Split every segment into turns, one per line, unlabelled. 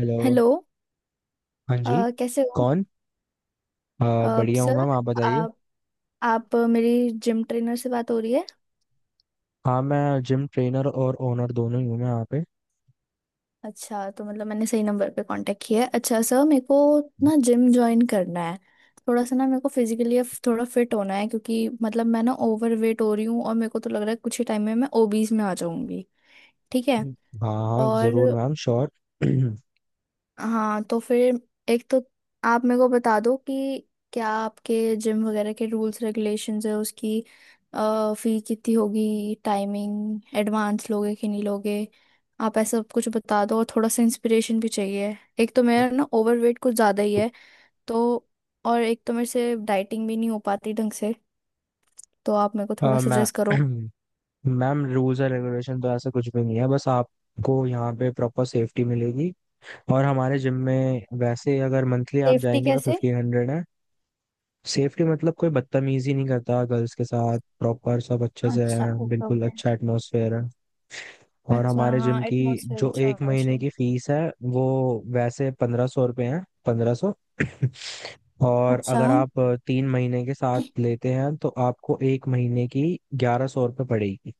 Hello.
Hello.
हाँ जी।
कैसे हो?
कौन? बढ़िया हूँ
सर,
मैम, आप बताइए।
आप आप मेरी जिम ट्रेनर से बात हो रही है?
हाँ, मैं जिम ट्रेनर और ओनर दोनों ही हूँ, मैं यहाँ पे।
अच्छा, तो मतलब मैंने सही नंबर पे कांटेक्ट किया है। अच्छा सर, मेरे को ना जिम ज्वाइन करना है। थोड़ा सा ना मेरे को फिजिकली थोड़ा फिट होना है, क्योंकि मतलब मैं ना ओवर वेट हो रही हूँ और मेरे को तो लग रहा है कुछ ही टाइम में मैं ओबीज में आ जाऊंगी। ठीक है?
हाँ हाँ,
और
जरूर मैम, श्योर।
हाँ, तो फिर एक तो आप मेरे को बता दो कि क्या आपके जिम वगैरह के रूल्स रेगुलेशंस है, उसकी फी कितनी होगी, टाइमिंग, एडवांस लोगे कि नहीं लोगे, आप ऐसा सब कुछ बता दो। और थोड़ा सा इंस्पिरेशन भी चाहिए। एक तो मेरा ना ओवरवेट कुछ ज़्यादा ही है, तो और एक तो मेरे से डाइटिंग भी नहीं हो पाती ढंग से, तो आप मेरे को थोड़ा
मैं
सजेस्ट करो।
मैम, रूल्स एंड रेगुलेशन तो ऐसा कुछ भी नहीं है, बस आपको यहाँ पे प्रॉपर सेफ्टी मिलेगी। और हमारे जिम में वैसे अगर मंथली आप
सेफ्टी
जाएंगे तो
कैसे?
1500 है। सेफ्टी मतलब कोई बदतमीजी नहीं करता गर्ल्स के साथ, प्रॉपर सब अच्छे से
अच्छा,
है,
ओके
बिल्कुल
ओके।
अच्छा एटमोसफेयर है। और
अच्छा
हमारे
हाँ,
जिम की
एटमोसफेयर
जो
अच्छा
एक
होना
महीने
चाहिए।
की फीस है वो वैसे 1500 रुपये है, 1500। और
अच्छा।
अगर आप 3 महीने के साथ लेते हैं तो आपको एक महीने की 1100 रुपये पड़ेगी,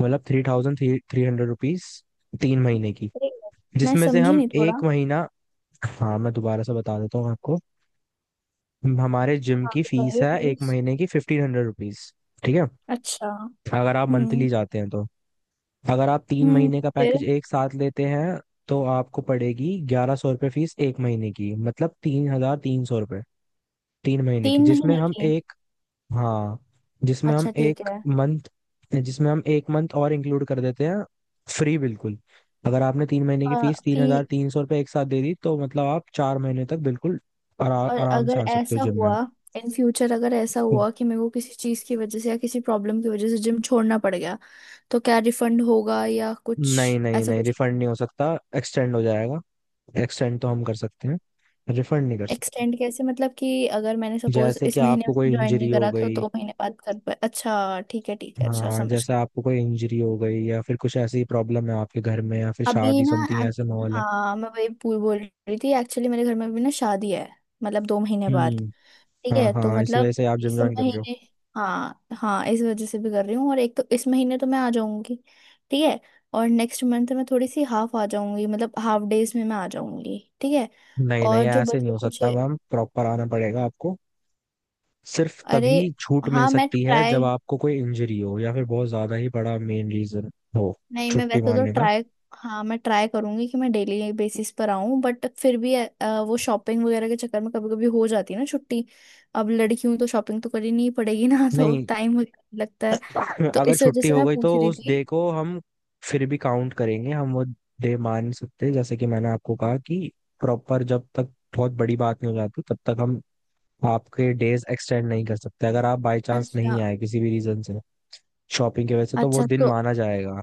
मतलब three thousand three three hundred rupees, तीन महीने की,
अरे, मैं
जिसमें से
समझी
हम
नहीं थोड़ा।
एक महीना। हाँ मैं दोबारा से बता देता हूँ आपको, हमारे जिम
हाँ,
की
तो
फीस
है
है एक
प्लीज।
महीने की 1500 रुपीज। ठीक है,
अच्छा।
अगर आप
हम्म।
मंथली जाते हैं तो। अगर आप तीन
हम्म,
महीने का
फिर?
पैकेज एक साथ लेते हैं तो आपको पड़ेगी 1100 रुपये फीस एक महीने की, मतलब 3300 रुपये 3 महीने की,
तीन
जिसमें
महीने
हम
की?
एक। हाँ, जिसमें हम
अच्छा ठीक
एक
है।
मंथ, जिसमें हम एक मंथ और इंक्लूड कर देते हैं, फ्री बिल्कुल। अगर आपने 3 महीने की फीस तीन हजार
फिर?
तीन सौ रुपये एक साथ दे दी तो मतलब आप 4 महीने तक बिल्कुल
और
आराम
अगर
से आ सकते हो
ऐसा
जिम में।
हुआ, इन फ्यूचर अगर ऐसा हुआ कि मेरे को किसी चीज की वजह से या किसी प्रॉब्लम की वजह से जिम छोड़ना पड़ गया, तो क्या रिफंड होगा या कुछ
नहीं नहीं
ऐसा
नहीं,
कुछ?
रिफंड नहीं हो सकता, एक्सटेंड हो जाएगा। एक्सटेंड तो हम कर सकते हैं, रिफंड नहीं कर सकते।
एक्सटेंड कैसे? मतलब कि अगर मैंने सपोज
जैसे कि
इस महीने
आपको
में
कोई
ज्वाइन नहीं
इंजरी हो
करा, तो
गई।
2 महीने बाद कर पाए? अच्छा, ठीक है ठीक है। अच्छा,
हाँ,
समझ।
जैसे आपको कोई इंजरी हो गई या फिर कुछ ऐसी प्रॉब्लम है आपके घर में या फिर
अभी
शादी
ना,
समथिंग ऐसे माहौल है।
हाँ मैं वही पूल बोल रही थी, एक्चुअली मेरे घर में अभी ना शादी है, मतलब 2 महीने बाद।
हम्म।
ठीक
हाँ
है, तो
हाँ, इसी वजह
मतलब
से आप जिम
इस
ज्वाइन कर रहे हो।
महीने, हाँ हाँ इस वजह से भी कर रही हूँ और एक तो इस महीने तो मैं आ जाऊंगी। ठीक है, और नेक्स्ट मंथ मैं थोड़ी सी हाफ आ जाऊंगी, मतलब हाफ डेज में मैं आ जाऊंगी। ठीक है।
नहीं
और
नहीं,
जो
ऐसे नहीं
बचे
हो
कुछ,
सकता मैम, प्रॉपर आना पड़ेगा आपको। सिर्फ
अरे,
तभी छूट मिल
हाँ मैं
सकती है जब
ट्राई,
आपको कोई इंजरी हो या फिर बहुत ज्यादा ही बड़ा मेन रीजन हो,
नहीं मैं
छुट्टी
वैसे तो
मारने का
ट्राई, हाँ मैं ट्राई करूंगी कि मैं डेली बेसिस पर आऊं, बट फिर भी वो शॉपिंग वगैरह के चक्कर में कभी कभी हो जाती है ना छुट्टी। अब लड़की हूं तो शॉपिंग तो करनी ही पड़ेगी ना तो
नहीं।
टाइम वगैरह लगता है, तो
अगर
इस वजह
छुट्टी
से
हो
मैं
गई तो
पूछ रही
उस डे
थी।
को हम फिर भी काउंट करेंगे, हम वो डे मान सकते हैं। जैसे कि मैंने आपको कहा कि प्रॉपर जब तक बहुत बड़ी बात नहीं हो जाती तब तक हम आपके डेज एक्सटेंड नहीं कर सकते, अगर आप बाय चांस
अच्छा।
नहीं आए किसी भी रीजन से, शॉपिंग की वजह से, तो वो
अच्छा
दिन
तो
माना जाएगा।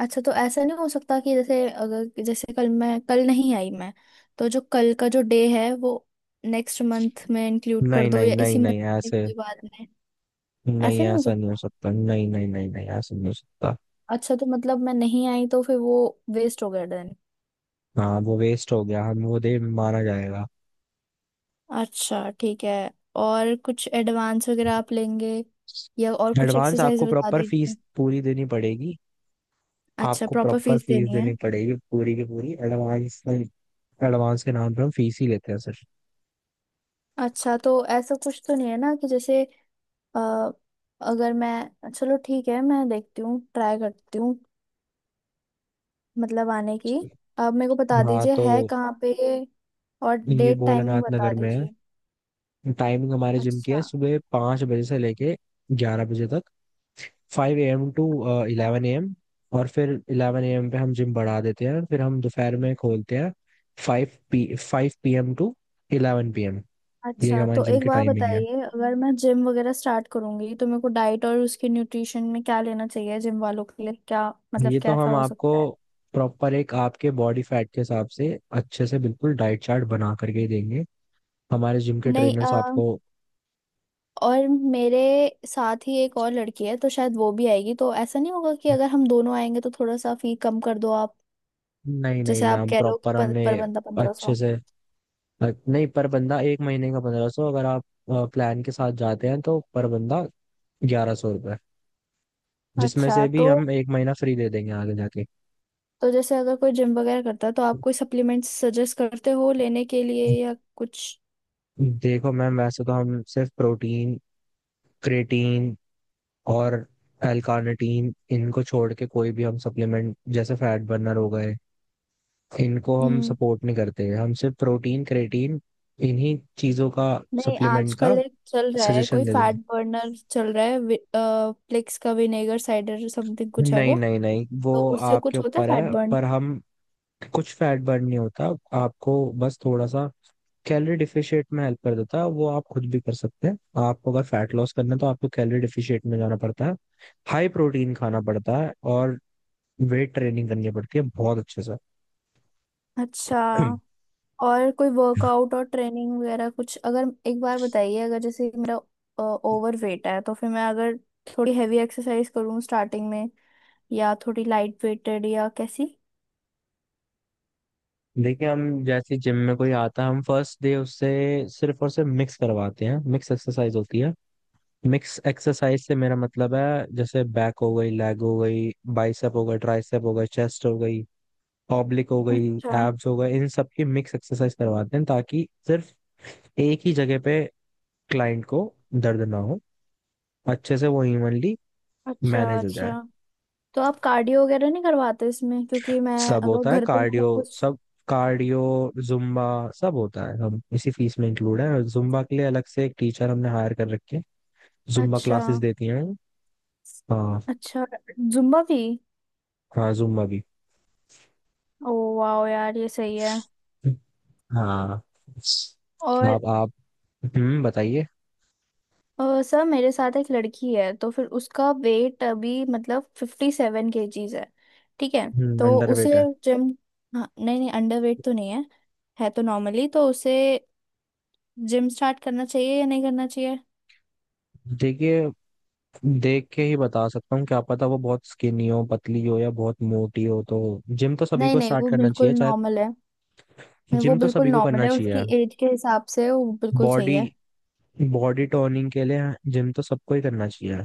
अच्छा तो ऐसा नहीं हो सकता कि जैसे अगर जैसे कल मैं कल नहीं आई मैं, तो जो कल का जो डे है वो नेक्स्ट मंथ में इंक्लूड कर
नहीं
दो
नहीं
या
नहीं
इसी
नहीं,
मंथ
ऐसे
के बाद में?
नहीं,
ऐसा नहीं हो।
ऐसा नहीं हो सकता, नहीं नहीं नहीं नहीं, ऐसा नहीं हो सकता।
अच्छा तो मतलब मैं नहीं आई तो फिर वो वेस्ट हो गया देन?
हाँ, वो वेस्ट हो गया, हम वो दे माना जाएगा।
अच्छा ठीक है। और कुछ एडवांस वगैरह आप लेंगे, या और कुछ
एडवांस
एक्सरसाइज
आपको
बता
प्रॉपर फीस
दीजिए?
पूरी देनी पड़ेगी।
अच्छा,
आपको
प्रॉपर
प्रॉपर
फीस
फीस
देनी है।
देनी पड़ेगी पूरी की पूरी, एडवांस। एडवांस के नाम पे हम फीस ही लेते हैं, सर।
अच्छा तो ऐसा कुछ तो नहीं है ना कि जैसे अ, अगर मैं, चलो ठीक है मैं देखती हूँ, ट्राई करती हूँ, मतलब आने की। आप मेरे को बता
हाँ
दीजिए है
तो,
कहाँ पे, और
ये
डेट टाइमिंग
भोलानाथ
बता
नगर में है।
दीजिए।
टाइमिंग हमारे जिम की
अच्छा।
है, सुबह 5 बजे से लेके 11 बजे तक, 5 AM टू
हाँ।
11 AM। और फिर 11 AM पे हम जिम बढ़ा देते हैं, फिर हम दोपहर में खोलते हैं, five P five P M to 11 PM। ये
अच्छा,
हमारे
तो
जिम
एक
की
बार
टाइमिंग है।
बताइए, अगर मैं जिम वगैरह स्टार्ट करूंगी तो मेरे को डाइट और उसके न्यूट्रिशन में क्या लेना चाहिए, जिम वालों के लिए क्या,
ये
मतलब
तो
कैसा
हम
हो
आपको
सकता है?
प्रॉपर एक आपके बॉडी फैट के हिसाब से अच्छे से बिल्कुल डाइट चार्ट बना करके ही देंगे, हमारे जिम के
नहीं,
ट्रेनर्स आपको।
और मेरे साथ ही एक और लड़की है, तो शायद वो भी आएगी, तो ऐसा नहीं होगा कि अगर हम दोनों आएंगे तो थोड़ा सा फी कम कर दो आप?
नहीं नहीं
जैसे आप
मैम,
कह रहे हो कि
प्रॉपर
पर,
हमने
पर बंदा पंद्रह
अच्छे
सौ
से। नहीं, पर बंदा एक महीने का 1500, अगर आप प्लान के साथ जाते हैं तो पर बंदा 1100 रुपये, जिसमें
अच्छा,
से भी
तो
हम एक महीना फ्री दे देंगे आगे जाके।
तो जैसे अगर कोई जिम वगैरह करता है तो आप कोई सप्लीमेंट्स सजेस्ट करते हो लेने के लिए, या कुछ?
देखो मैम, वैसे तो हम सिर्फ प्रोटीन, क्रेटीन और एल कार्निटीन, इनको छोड़ के कोई भी हम सप्लीमेंट जैसे फैट बर्नर हो गए, इनको हम
हम्म।
सपोर्ट नहीं करते, हम सिर्फ प्रोटीन क्रेटीन इन्हीं चीजों का
नहीं,
सप्लीमेंट का
आजकल एक चल रहा है,
सजेशन
कोई
देते
फैट
हैं।
बर्नर चल रहा है, प्लेक्स का विनेगर साइडर समथिंग कुछ है
नहीं
वो,
नहीं नहीं, वो
तो उससे
आपके
कुछ होता है
ऊपर
फैट
है,
बर्न?
पर हम, कुछ फैट बर्न नहीं होता, आपको बस थोड़ा सा कैलोरी डिफिशिएट में हेल्प कर देता है, वो आप खुद भी कर सकते हैं। आपको अगर फैट लॉस करना है तो आपको कैलोरी डिफिशिएट में जाना पड़ता है, हाई प्रोटीन खाना पड़ता है और वेट ट्रेनिंग करनी पड़ती है बहुत अच्छे
अच्छा।
से।
और कोई वर्कआउट और ट्रेनिंग वगैरह कुछ, अगर एक बार बताइए, अगर जैसे मेरा ओवर वेट है तो फिर मैं अगर थोड़ी हैवी एक्सरसाइज करूँ स्टार्टिंग में, या थोड़ी लाइट वेटेड, या कैसी?
देखिए, हम जैसे जिम में कोई आता है हम फर्स्ट डे उससे सिर्फ और सिर्फ मिक्स करवाते हैं, मिक्स एक्सरसाइज होती है। मिक्स एक्सरसाइज से मेरा मतलब है, जैसे बैक हो गई, लेग हो गई, बाइसेप हो गई, ट्राइसेप हो गई, चेस्ट हो गई, ऑब्लिक हो गई,
अच्छा,
एब्स हो गए, इन सब की मिक्स एक्सरसाइज करवाते हैं ताकि सिर्फ एक ही जगह पे क्लाइंट को दर्द ना हो, अच्छे से वो इवनली
अच्छा।
मैनेज हो
अच्छा
जाए।
तो आप कार्डियो वगैरह नहीं करवाते इसमें? क्योंकि मैं
सब
अगर
होता है
घर पे मैंने
कार्डियो,
कुछ।
सब कार्डियो, जुम्बा, सब होता है, हम इसी फीस में इंक्लूड है, और जुम्बा के लिए अलग से एक टीचर हमने हायर कर रखे हैं, जुम्बा
अच्छा।
क्लासेस देती हैं। हाँ।
अच्छा, जुम्बा भी?
हाँ, जुम्बा भी।
ओ, वाह यार ये सही है।
हाँ।
और
आप, बताइए।
सर, मेरे साथ एक लड़की है, तो फिर उसका वेट अभी मतलब 57 केजीज है, ठीक है? तो उसे
अंडरवेट है।
जिम, हाँ नहीं नहीं, अंडर वेट तो नहीं है, है तो नॉर्मली, तो उसे जिम स्टार्ट करना चाहिए या नहीं करना चाहिए?
देखिए, देख के ही बता सकता हूँ, क्या पता वो बहुत स्किनी हो, पतली हो या बहुत मोटी हो, तो जिम तो सभी
नहीं
को
नहीं,
स्टार्ट
वो
करना
बिल्कुल
चाहिए चाहे।
नॉर्मल है। नहीं, वो
जिम तो
बिल्कुल
सभी को
नॉर्मल
करना
है, उसकी
चाहिए,
एज के हिसाब से वो बिल्कुल सही
बॉडी
है।
बॉडी टोनिंग के लिए। जिम तो सबको ही करना चाहिए,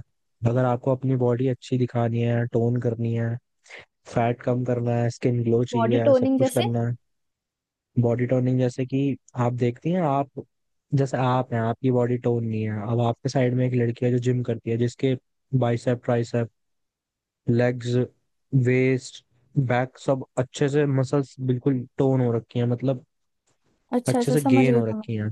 अगर आपको अपनी बॉडी अच्छी दिखानी है, टोन करनी है, फैट कम करना है, स्किन ग्लो
बॉडी
चाहिए है, सब
टोनिंग
कुछ
जैसे?
करना है। बॉडी टोनिंग जैसे कि आप देखती हैं, आप जैसे आप हैं, आपकी बॉडी टोन नहीं है, अब आपके साइड में एक लड़की है जो जिम करती है, जिसके bicep, tricep, legs, waist, back, सब अच्छे से मसल्स बिल्कुल टोन हो रखी हैं, मतलब
अच्छा
अच्छे
अच्छा,
से
समझ
गेन
गई,
हो
समझ।
रखी हैं,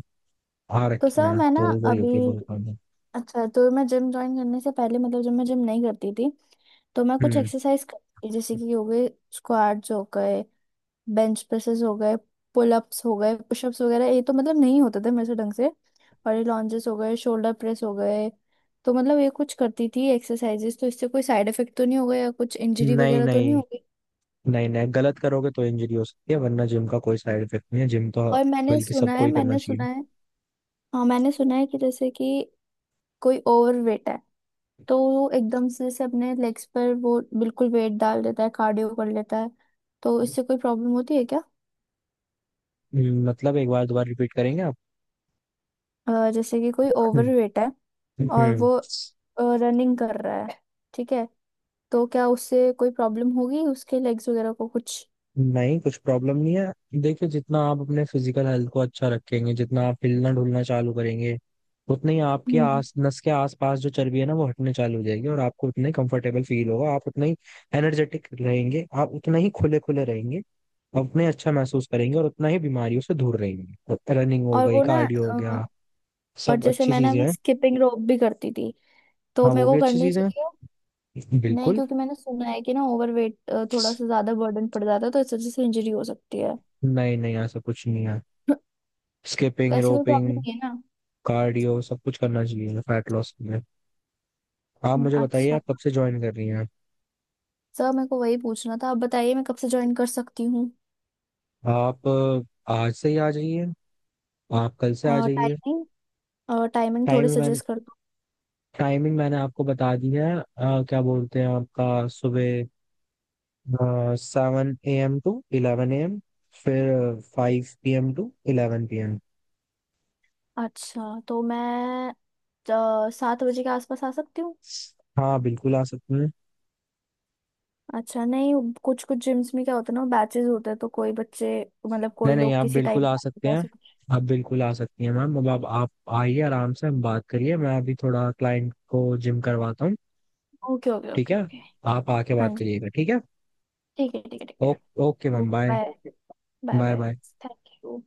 आ
तो
रखी
सर,
हैं,
मैं
तो
ना
वही
अभी,
होती है बॉडी टोनिंग।
अच्छा तो मैं जिम ज्वाइन करने से पहले, मतलब जब मैं जिम नहीं करती थी, तो मैं कुछ
हम्म।
एक्सरसाइज करती थी, जैसे कि हो गए स्क्वाट्स हो गए, बेंच प्रेसेस हो गए, पुलअप्स हो गए, पुशअप्स वगैरह ये तो मतलब नहीं होते थे मेरे से ढंग से, और ये लॉन्जेस हो गए, शोल्डर प्रेस हो गए। तो मतलब ये कुछ करती थी एक्सरसाइजेस, तो इससे कोई साइड इफेक्ट तो नहीं हो गया, कुछ इंजरी
नहीं
वगैरह तो नहीं हो
नहीं
गई?
नहीं नहीं, गलत करोगे तो इंजरी हो सकती है, वरना जिम का कोई साइड इफेक्ट नहीं है, जिम तो
और मैंने
बल्कि
सुना
सबको
है
ही करना
मैंने
चाहिए।
सुना है हाँ मैंने सुना है कि जैसे कि कोई ओवरवेट है, तो वो एकदम से जैसे अपने लेग्स पर वो बिल्कुल वेट डाल देता है, कार्डियो कर लेता है, तो इससे कोई प्रॉब्लम होती है क्या?
मतलब एक बार दोबारा रिपीट करेंगे आप?
जैसे कि कोई ओवर वेट है और
हम्म।
वो रनिंग कर रहा है, ठीक है? तो क्या उससे कोई प्रॉब्लम होगी उसके लेग्स वगैरह को कुछ?
नहीं, कुछ प्रॉब्लम नहीं है, देखिए जितना आप अपने फिजिकल हेल्थ को अच्छा रखेंगे, जितना आप हिलना डुलना चालू करेंगे उतने ही आपके
हम्म।
आस नस के आसपास जो चर्बी है ना, वो हटने चालू हो जाएगी, और आपको उतना ही कंफर्टेबल फील होगा, आप उतना ही एनर्जेटिक रहेंगे, आप उतना ही खुले खुले रहेंगे, आप उतना ही अच्छा महसूस करेंगे और उतना ही बीमारियों से दूर रहेंगे, रनिंग हो
और
गई,
वो ना,
कार्डियो हो गया,
और
सब
जैसे
अच्छी
मैंने
चीजें
अभी
हैं।
स्किपिंग रोप भी करती थी, तो
हाँ,
मेरे
वो भी
को
अच्छी
करनी
चीजें
चाहिए?
हैं,
नहीं,
बिल्कुल।
क्योंकि मैंने सुना है कि ना ओवर वेट थोड़ा सा ज्यादा बर्डन पड़ जाता है, तो इस वजह से इंजरी हो सकती है।
नहीं नहीं, ऐसा कुछ नहीं है,
तो
स्किपिंग
ऐसी कोई
रोपिंग,
प्रॉब्लम नहीं है ना?
कार्डियो, सब कुछ करना चाहिए फैट लॉस के लिए। आप मुझे बताइए,
अच्छा।
आप कब से ज्वाइन कर रही हैं?
सर, मेरे को वही पूछना था, आप बताइए मैं कब से ज्वाइन कर सकती हूँ?
आप आज से ही आ जाइए, आप कल से आ जाइए।
टाइमिंग, टाइमिंग थोड़ी
टाइमिंग मैंने
सजेस्ट कर दो।
टाइमिंग मैंने आपको बता दी है क्या बोलते हैं आपका, सुबह 7 AM टू 11 AM, फिर 5 PM to eleven P M.
अच्छा तो मैं 7 बजे के आसपास आ सकती हूँ।
हाँ बिल्कुल, आ सकते हैं।
अच्छा, नहीं, कुछ कुछ जिम्स में क्या होता है ना, बैचेस होते हैं, तो कोई बच्चे, मतलब
नहीं
कोई
नहीं,
लोग
आप
किसी
बिल्कुल
टाइम
आ सकते
पे
हैं,
ऐसे कुछ।
आप बिल्कुल आ सकती हैं मैम, अब आप आइए, आराम से हम बात करिए, मैं अभी थोड़ा क्लाइंट को जिम करवाता हूँ,
ओके ओके
ठीक
ओके
है?
ओके।
आप आके
हाँ
बात
जी,
करिएगा, ठीक है?
ठीक है ठीक है ठीक
ओ,
है।
Okay ma'am,
okay
bye.
Bye. Bye
bye
bye.
Bye.
Thank you.